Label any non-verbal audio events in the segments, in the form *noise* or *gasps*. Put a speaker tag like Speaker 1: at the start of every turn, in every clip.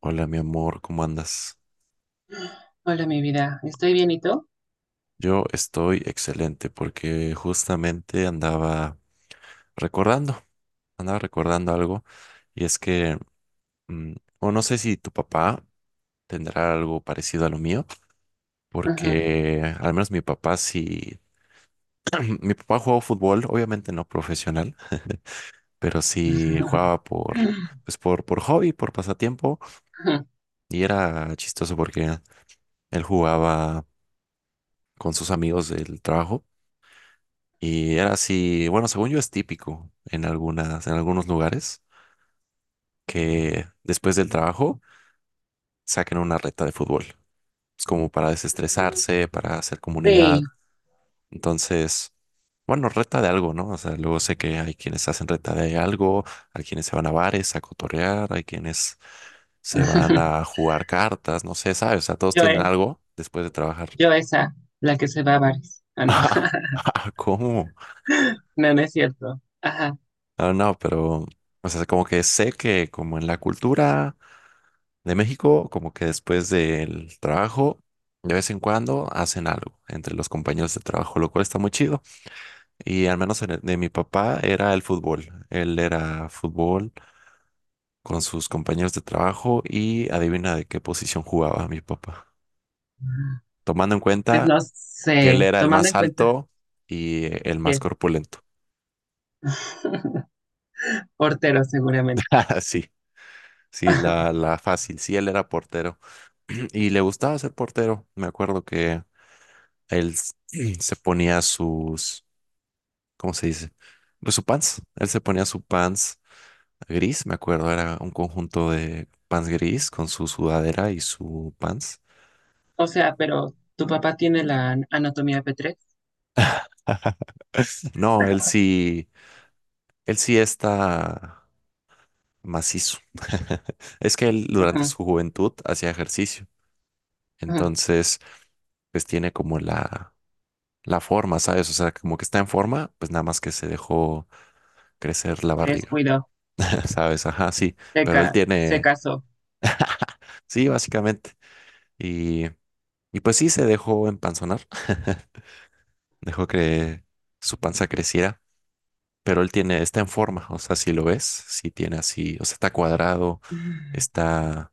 Speaker 1: Hola, mi amor, ¿cómo andas?
Speaker 2: Hola, mi vida. ¿Estoy bien y tú?
Speaker 1: Yo estoy excelente porque justamente recordando, andaba recordando algo y es que, mm, o no sé si tu papá tendrá algo parecido a lo mío,
Speaker 2: Ujú.
Speaker 1: porque al menos mi papá sí, *clears throat* mi papá jugaba fútbol, obviamente no profesional, pero sí
Speaker 2: *laughs*
Speaker 1: jugaba por hobby, por pasatiempo y era chistoso porque él jugaba con sus amigos del trabajo. Y era así, bueno, según yo es típico en algunas, en algunos lugares que después del trabajo saquen una reta de fútbol. Es como para desestresarse, para hacer
Speaker 2: Sí.
Speaker 1: comunidad. Entonces, bueno, reta de algo, ¿no? O sea, luego sé que hay quienes hacen reta de algo, hay quienes se van a bares a cotorrear, hay quienes se van a
Speaker 2: *laughs*
Speaker 1: jugar cartas, no sé, ¿sabes? O sea, todos
Speaker 2: Yo,
Speaker 1: tienen algo después de trabajar.
Speaker 2: yo esa, la que se va a bares. Ah, no.
Speaker 1: *laughs* ¿Cómo?
Speaker 2: *laughs* No, no es cierto. Ajá.
Speaker 1: Ah, no, pero, o sea, como que sé que como en la cultura de México, como que después del trabajo, de vez en cuando hacen algo entre los compañeros de trabajo, lo cual está muy chido. Y al menos en de mi papá era el fútbol. Él era fútbol con sus compañeros de trabajo y adivina de qué posición jugaba mi papá, tomando en
Speaker 2: Pues
Speaker 1: cuenta
Speaker 2: no
Speaker 1: que él
Speaker 2: sé,
Speaker 1: era el
Speaker 2: tomando
Speaker 1: más
Speaker 2: en cuenta
Speaker 1: alto y el más
Speaker 2: que
Speaker 1: corpulento.
Speaker 2: *laughs* portero seguramente.
Speaker 1: *laughs* Sí. Sí, la fácil. Sí, él era portero *clears throat* y le gustaba ser portero. Me acuerdo que él s- *clears throat* se ponía sus, ¿cómo se dice? Pues su pants. Él se ponía su pants gris, me acuerdo, era un conjunto de pants gris con su sudadera y su pants.
Speaker 2: O sea, pero tu papá tiene la anatomía p tres.
Speaker 1: *laughs* No, él sí está macizo. *laughs* Es que él durante
Speaker 2: Ujú,
Speaker 1: su juventud hacía ejercicio,
Speaker 2: ujú.
Speaker 1: entonces pues tiene como la forma, ¿sabes? O sea, como que está en forma, pues nada más que se dejó crecer la
Speaker 2: Se
Speaker 1: barriga,
Speaker 2: descuidó,
Speaker 1: *laughs* ¿sabes? Ajá, sí, pero él
Speaker 2: se
Speaker 1: tiene,
Speaker 2: casó.
Speaker 1: sí, básicamente. Y Y pues sí, se dejó empanzonar, *laughs* dejó que su panza creciera, pero él tiene, está en forma, o sea, si lo ves, sí tiene así, o sea, está cuadrado,
Speaker 2: *laughs*
Speaker 1: está,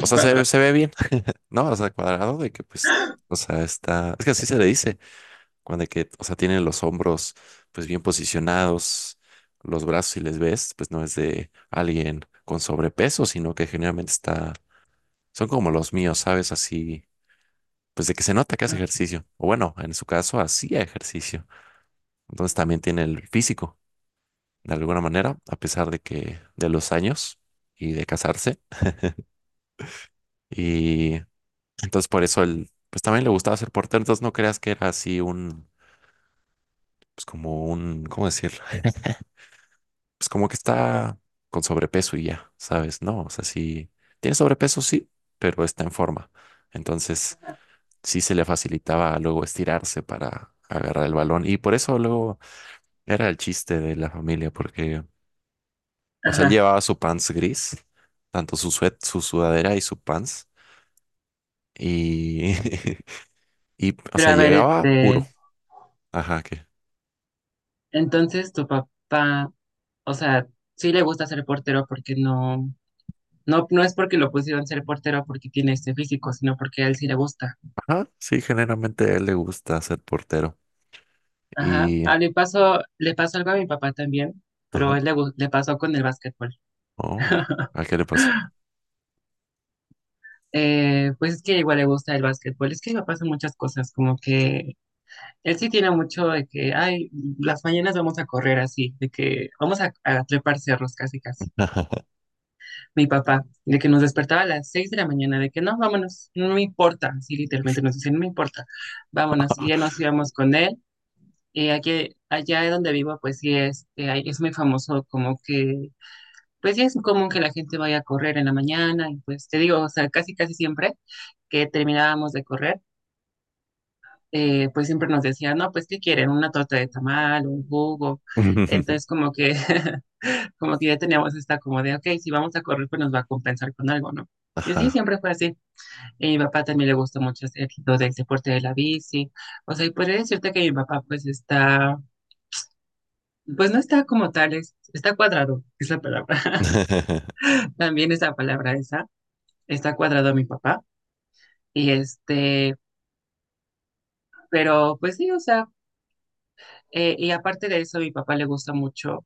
Speaker 1: o sea,
Speaker 2: Cuadro.
Speaker 1: se ve bien, *laughs* ¿no? O sea, cuadrado de que pues, o sea, está, es que así se le dice, cuando que, o sea, tiene los hombros pues bien posicionados, los brazos si les ves, pues no es de alguien con sobrepeso, sino que generalmente está, son como los míos, ¿sabes? Así pues de que se nota que hace
Speaker 2: Ujú.
Speaker 1: ejercicio, o bueno, en su caso hacía ejercicio. Entonces también tiene el físico, de alguna manera, a pesar de que de los años y de casarse. Y entonces por eso él, pues también le gustaba ser portero, entonces no creas que era así un, pues como un, ¿cómo decirlo? Pues como que está con sobrepeso y ya, ¿sabes? No, o sea, sí, tiene sobrepeso, sí, pero está en forma. Entonces sí se le facilitaba luego estirarse para agarrar el balón y por eso luego era el chiste de la familia porque, o sea, él
Speaker 2: Ajá.
Speaker 1: llevaba su pants gris, tanto su sudadera y su pants, y, *laughs* y, o
Speaker 2: Pero
Speaker 1: sea,
Speaker 2: a ver,
Speaker 1: llegaba puro. Ajá, que,
Speaker 2: entonces, tu papá, o sea, sí le gusta ser portero porque no es porque lo pusieron ser portero porque tiene este físico, sino porque a él sí le gusta.
Speaker 1: ajá, sí, generalmente a él le gusta ser portero.
Speaker 2: Ajá.
Speaker 1: Y,
Speaker 2: Ah, le pasó algo a mi papá también, pero
Speaker 1: ajá,
Speaker 2: a él le pasó con el básquetbol.
Speaker 1: oh,
Speaker 2: *laughs*
Speaker 1: ¿a qué le pasó?
Speaker 2: Pues es que igual le gusta el básquetbol. Es que me pasan muchas cosas, como que él sí tiene mucho de que, ay, las mañanas vamos a correr así, de que vamos a trepar cerros casi casi. Mi papá, de que nos despertaba a las 6 de la mañana, de que no, vámonos, no me importa, sí, literalmente nos decían, no me importa, vámonos, y ya nos íbamos con él, y aquí, allá donde vivo, pues sí, es muy famoso como que, pues sí es común que la gente vaya a correr en la mañana, y pues te digo, o sea, casi casi siempre que terminábamos de correr, pues siempre nos decían, no, pues ¿qué quieren? Una torta de tamal, un jugo,
Speaker 1: *laughs*
Speaker 2: entonces como que, *laughs* como que ya teníamos esta como de, ok, si vamos a correr, pues nos va a compensar con algo, ¿no? Y sí,
Speaker 1: Ajá.
Speaker 2: siempre fue así. Y a mi papá también le gusta mucho hacer lo del deporte de la bici. O sea, y podría decirte que mi papá pues está, pues no está como tal, está cuadrado, es la palabra.
Speaker 1: *laughs*
Speaker 2: *laughs* También esa palabra esa, está cuadrado mi papá. Y este, pero pues sí, o sea, y aparte de eso, a mi papá le gusta mucho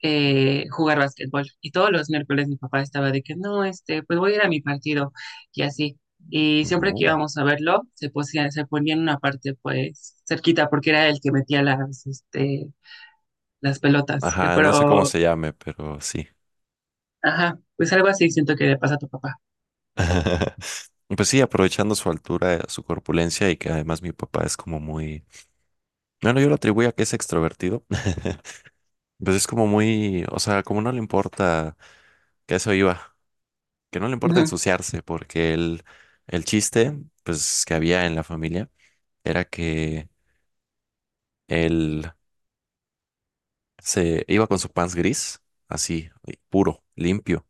Speaker 2: jugar básquetbol. Y todos los miércoles mi papá estaba de que no, este, pues voy a ir a mi partido y así. Y siempre que
Speaker 1: No.
Speaker 2: íbamos a verlo, se ponía en una parte pues cerquita porque era el que metía las, este, las pelotas.
Speaker 1: Ajá, no sé cómo
Speaker 2: Pero,
Speaker 1: se llame, pero sí.
Speaker 2: ajá, pues algo así siento que le pasa a tu papá.
Speaker 1: *laughs* Pues sí, aprovechando su altura, su corpulencia y que además mi papá es como muy bueno, yo lo atribuyo a que es extrovertido. *laughs* Pues es como muy, o sea, como no le importa, que a eso iba, que no le importa
Speaker 2: Ujú,
Speaker 1: ensuciarse, porque el chiste, pues, que había en la familia era que él se iba con su pants gris, así, y puro, limpio,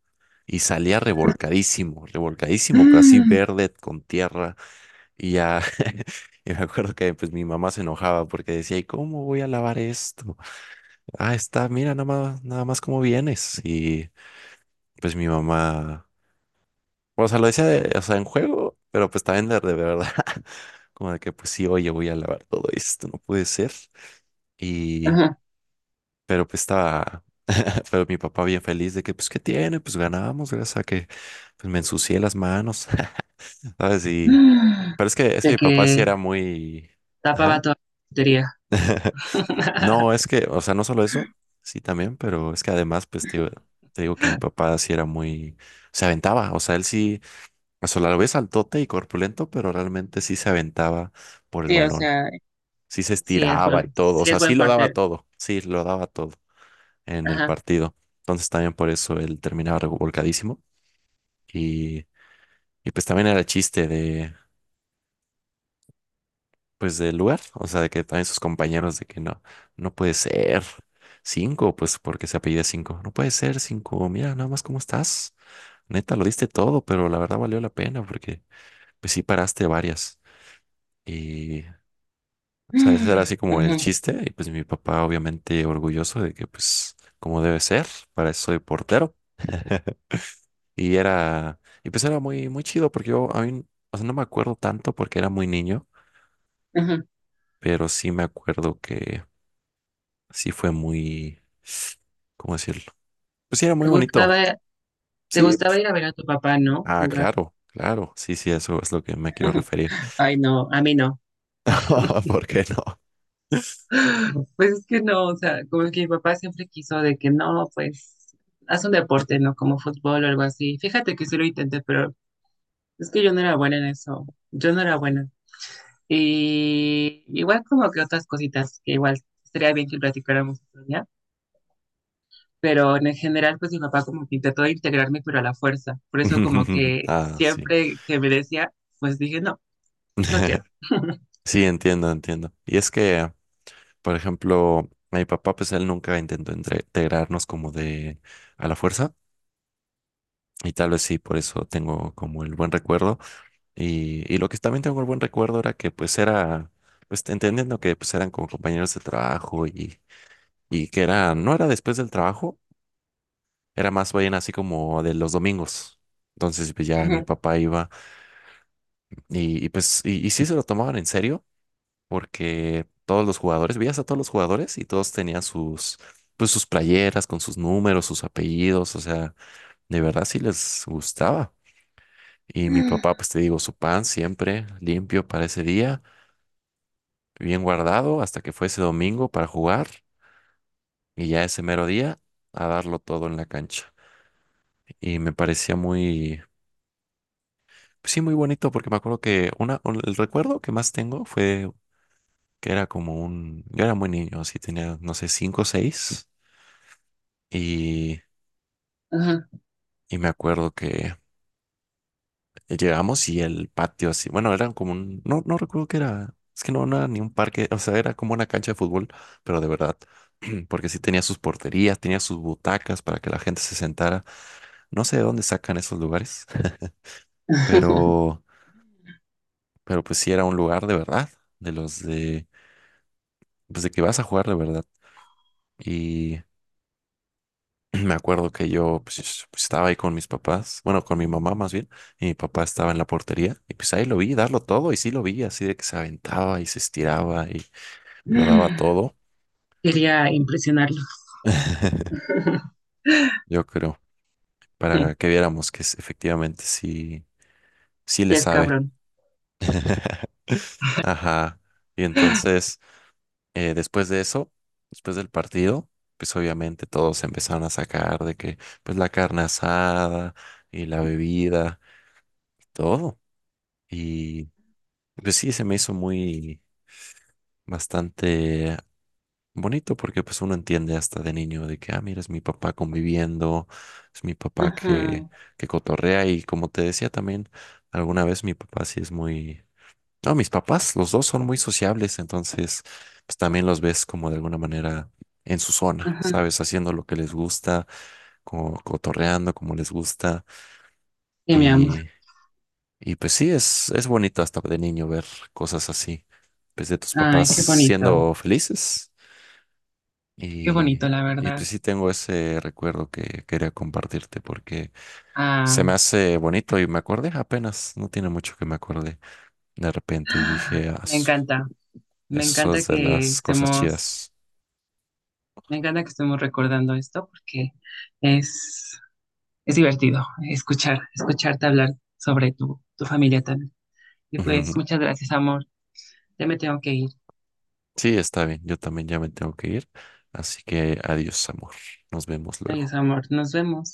Speaker 1: y salía revolcadísimo, revolcadísimo, pero así verde con tierra, y ya, *laughs* y me acuerdo que pues mi mamá se enojaba porque decía, ¿y cómo voy a lavar esto? Ah, está, mira, nada más, nada más cómo vienes. Y pues mi mamá, o sea, lo decía, o sea, en juego, pero pues también de verdad, *laughs* como de que pues sí, oye, voy a lavar todo esto, no puede ser. Y,
Speaker 2: ajá.
Speaker 1: pero pues estaba, *laughs* pero mi papá bien feliz de que pues, ¿qué tiene? Pues ganamos, gracias a que pues me ensucié las manos, *laughs* ¿sabes? Y,
Speaker 2: *gasps*
Speaker 1: pero es que
Speaker 2: De
Speaker 1: mi papá sí
Speaker 2: que
Speaker 1: era muy,
Speaker 2: tapaba
Speaker 1: ajá.
Speaker 2: toda la portería.
Speaker 1: No, es
Speaker 2: *laughs*
Speaker 1: que, o sea, no solo eso, sí también, pero es que además, te digo que mi papá sí era muy, se aventaba, o sea, él sí, o sea, a la vez altote y corpulento, pero realmente sí se aventaba por el
Speaker 2: Sí, o
Speaker 1: balón,
Speaker 2: sea,
Speaker 1: sí se estiraba y todo, o
Speaker 2: sí
Speaker 1: sea,
Speaker 2: es
Speaker 1: sí
Speaker 2: buen
Speaker 1: lo daba
Speaker 2: partner.
Speaker 1: todo, sí lo daba todo en el
Speaker 2: Ajá.
Speaker 1: partido. Entonces también por eso él terminaba revolcadísimo y, y pues también era el chiste de, pues del lugar, o sea, de que también sus compañeros de que no, no puede ser cinco, pues porque se apellida cinco, no puede ser cinco, mira nada más cómo estás, neta, lo diste todo, pero la verdad valió la pena porque pues sí paraste varias y, o sea, ese era así como el
Speaker 2: Ujú,
Speaker 1: chiste y pues mi papá obviamente orgulloso de que pues como debe ser, para eso soy portero. *laughs* Y era, y pues era muy, muy chido porque yo, a mí, o sea, no me acuerdo tanto porque era muy niño,
Speaker 2: ujú.
Speaker 1: pero sí me acuerdo que sí fue muy, ¿cómo decirlo? Pues sí, era
Speaker 2: ¿Te
Speaker 1: muy bonito.
Speaker 2: gustaba, te
Speaker 1: Sí,
Speaker 2: gustaba ir a ver a tu papá, ¿no?
Speaker 1: ah,
Speaker 2: Jugar.
Speaker 1: claro, claro. Sí, sí, eso es lo que me quiero
Speaker 2: *laughs*
Speaker 1: referir.
Speaker 2: Ay, no, a mí no.
Speaker 1: *laughs*
Speaker 2: *laughs*
Speaker 1: ¿Por qué no?
Speaker 2: Pues es que no, o sea, como que mi papá siempre quiso de que no, pues haz un deporte, ¿no? Como fútbol o algo así. Fíjate que sí lo intenté, pero es que yo no era buena en eso. Yo no era buena. Y igual como que otras cositas que igual sería bien que platicáramos otro día. Pero en general, pues mi papá como que intentó integrarme, pero a la fuerza. Por eso como
Speaker 1: *laughs*
Speaker 2: que
Speaker 1: Ah, sí.
Speaker 2: siempre que me decía, pues dije, no, no quiero.
Speaker 1: *laughs* Sí, entiendo, entiendo. Y es que, por ejemplo, mi papá, pues él nunca intentó integrarnos como de a la fuerza. Y tal vez sí, por eso tengo como el buen recuerdo. Y lo que también tengo el buen recuerdo era que pues era, pues entendiendo que pues eran como compañeros de trabajo y que era, no era después del trabajo, era más bien así como de los domingos. Entonces, pues ya mi
Speaker 2: *laughs*
Speaker 1: papá iba y pues, y sí se lo tomaban en serio, porque todos los jugadores, veías a todos los jugadores y todos tenían sus, pues sus playeras con sus números, sus apellidos, o sea, de verdad sí les gustaba. Y mi
Speaker 2: Ujú.
Speaker 1: papá, pues te digo, su pan siempre limpio para ese día, bien guardado hasta que fue ese domingo para jugar y ya ese mero día a darlo todo en la cancha y me parecía muy, sí, muy bonito, porque me acuerdo que el recuerdo que más tengo fue que era como un, yo era muy niño, así tenía, no sé, 5 o 6, y,
Speaker 2: Ajá.
Speaker 1: y me acuerdo que llegamos y el patio así, bueno, era como un, no, no recuerdo qué era, es que no, no era ni un parque, o sea, era como una cancha de fútbol, pero de verdad, *clears throat* porque sí tenía sus porterías, tenía sus butacas para que la gente se sentara, no sé de dónde sacan esos lugares, *laughs*
Speaker 2: *laughs*
Speaker 1: pero, pero pues sí era un lugar de verdad, de los de, pues de que vas a jugar de verdad. Y me acuerdo que yo pues, pues, estaba ahí con mis papás, bueno, con mi mamá más bien, y mi papá estaba en la portería, y pues ahí lo vi darlo todo, y sí lo vi, así de que se aventaba y se estiraba y lo daba todo,
Speaker 2: Quería impresionarlo.
Speaker 1: *laughs*
Speaker 2: *laughs*
Speaker 1: yo creo, para que viéramos que efectivamente sí, sí le
Speaker 2: Ya es
Speaker 1: sabe.
Speaker 2: cabrón.
Speaker 1: *laughs* Ajá. Y entonces, después de eso, después del partido, pues obviamente todos empezaron a sacar de que, pues la carne asada y la bebida, todo. Y pues sí, se me hizo muy bastante bonito porque pues uno entiende hasta de niño de que, ah, mira, es mi papá conviviendo, es mi papá
Speaker 2: Ajá.
Speaker 1: que cotorrea y como te decía también, alguna vez mi papá sí es muy... No, mis papás, los dos son muy sociables, entonces pues también los ves como de alguna manera en su zona,
Speaker 2: Ajá.
Speaker 1: ¿sabes? Haciendo lo que les gusta, como cotorreando como les gusta.
Speaker 2: Sí, mi amor.
Speaker 1: Y pues sí, es bonito hasta de niño ver cosas así, pues de tus
Speaker 2: Ay,
Speaker 1: papás
Speaker 2: qué
Speaker 1: siendo
Speaker 2: bonito.
Speaker 1: felices.
Speaker 2: Qué
Speaker 1: Y,
Speaker 2: bonito, la
Speaker 1: y
Speaker 2: verdad.
Speaker 1: pues sí tengo ese recuerdo que quería compartirte porque
Speaker 2: Ah,
Speaker 1: se me hace bonito y me acordé apenas, no tiene mucho que me acordé de repente y dije, "Ah,
Speaker 2: me encanta. Me
Speaker 1: eso
Speaker 2: encanta
Speaker 1: es de
Speaker 2: que
Speaker 1: las cosas
Speaker 2: estemos,
Speaker 1: chidas."
Speaker 2: me encanta que estemos recordando esto porque es, es divertido escucharte hablar sobre tu familia también. Y
Speaker 1: *laughs*
Speaker 2: pues,
Speaker 1: Ujú.
Speaker 2: muchas gracias, amor. Ya me tengo que ir.
Speaker 1: Sí, está bien, yo también ya me tengo que ir, así que adiós, amor, nos vemos
Speaker 2: Adiós,
Speaker 1: luego.
Speaker 2: amor. Nos vemos.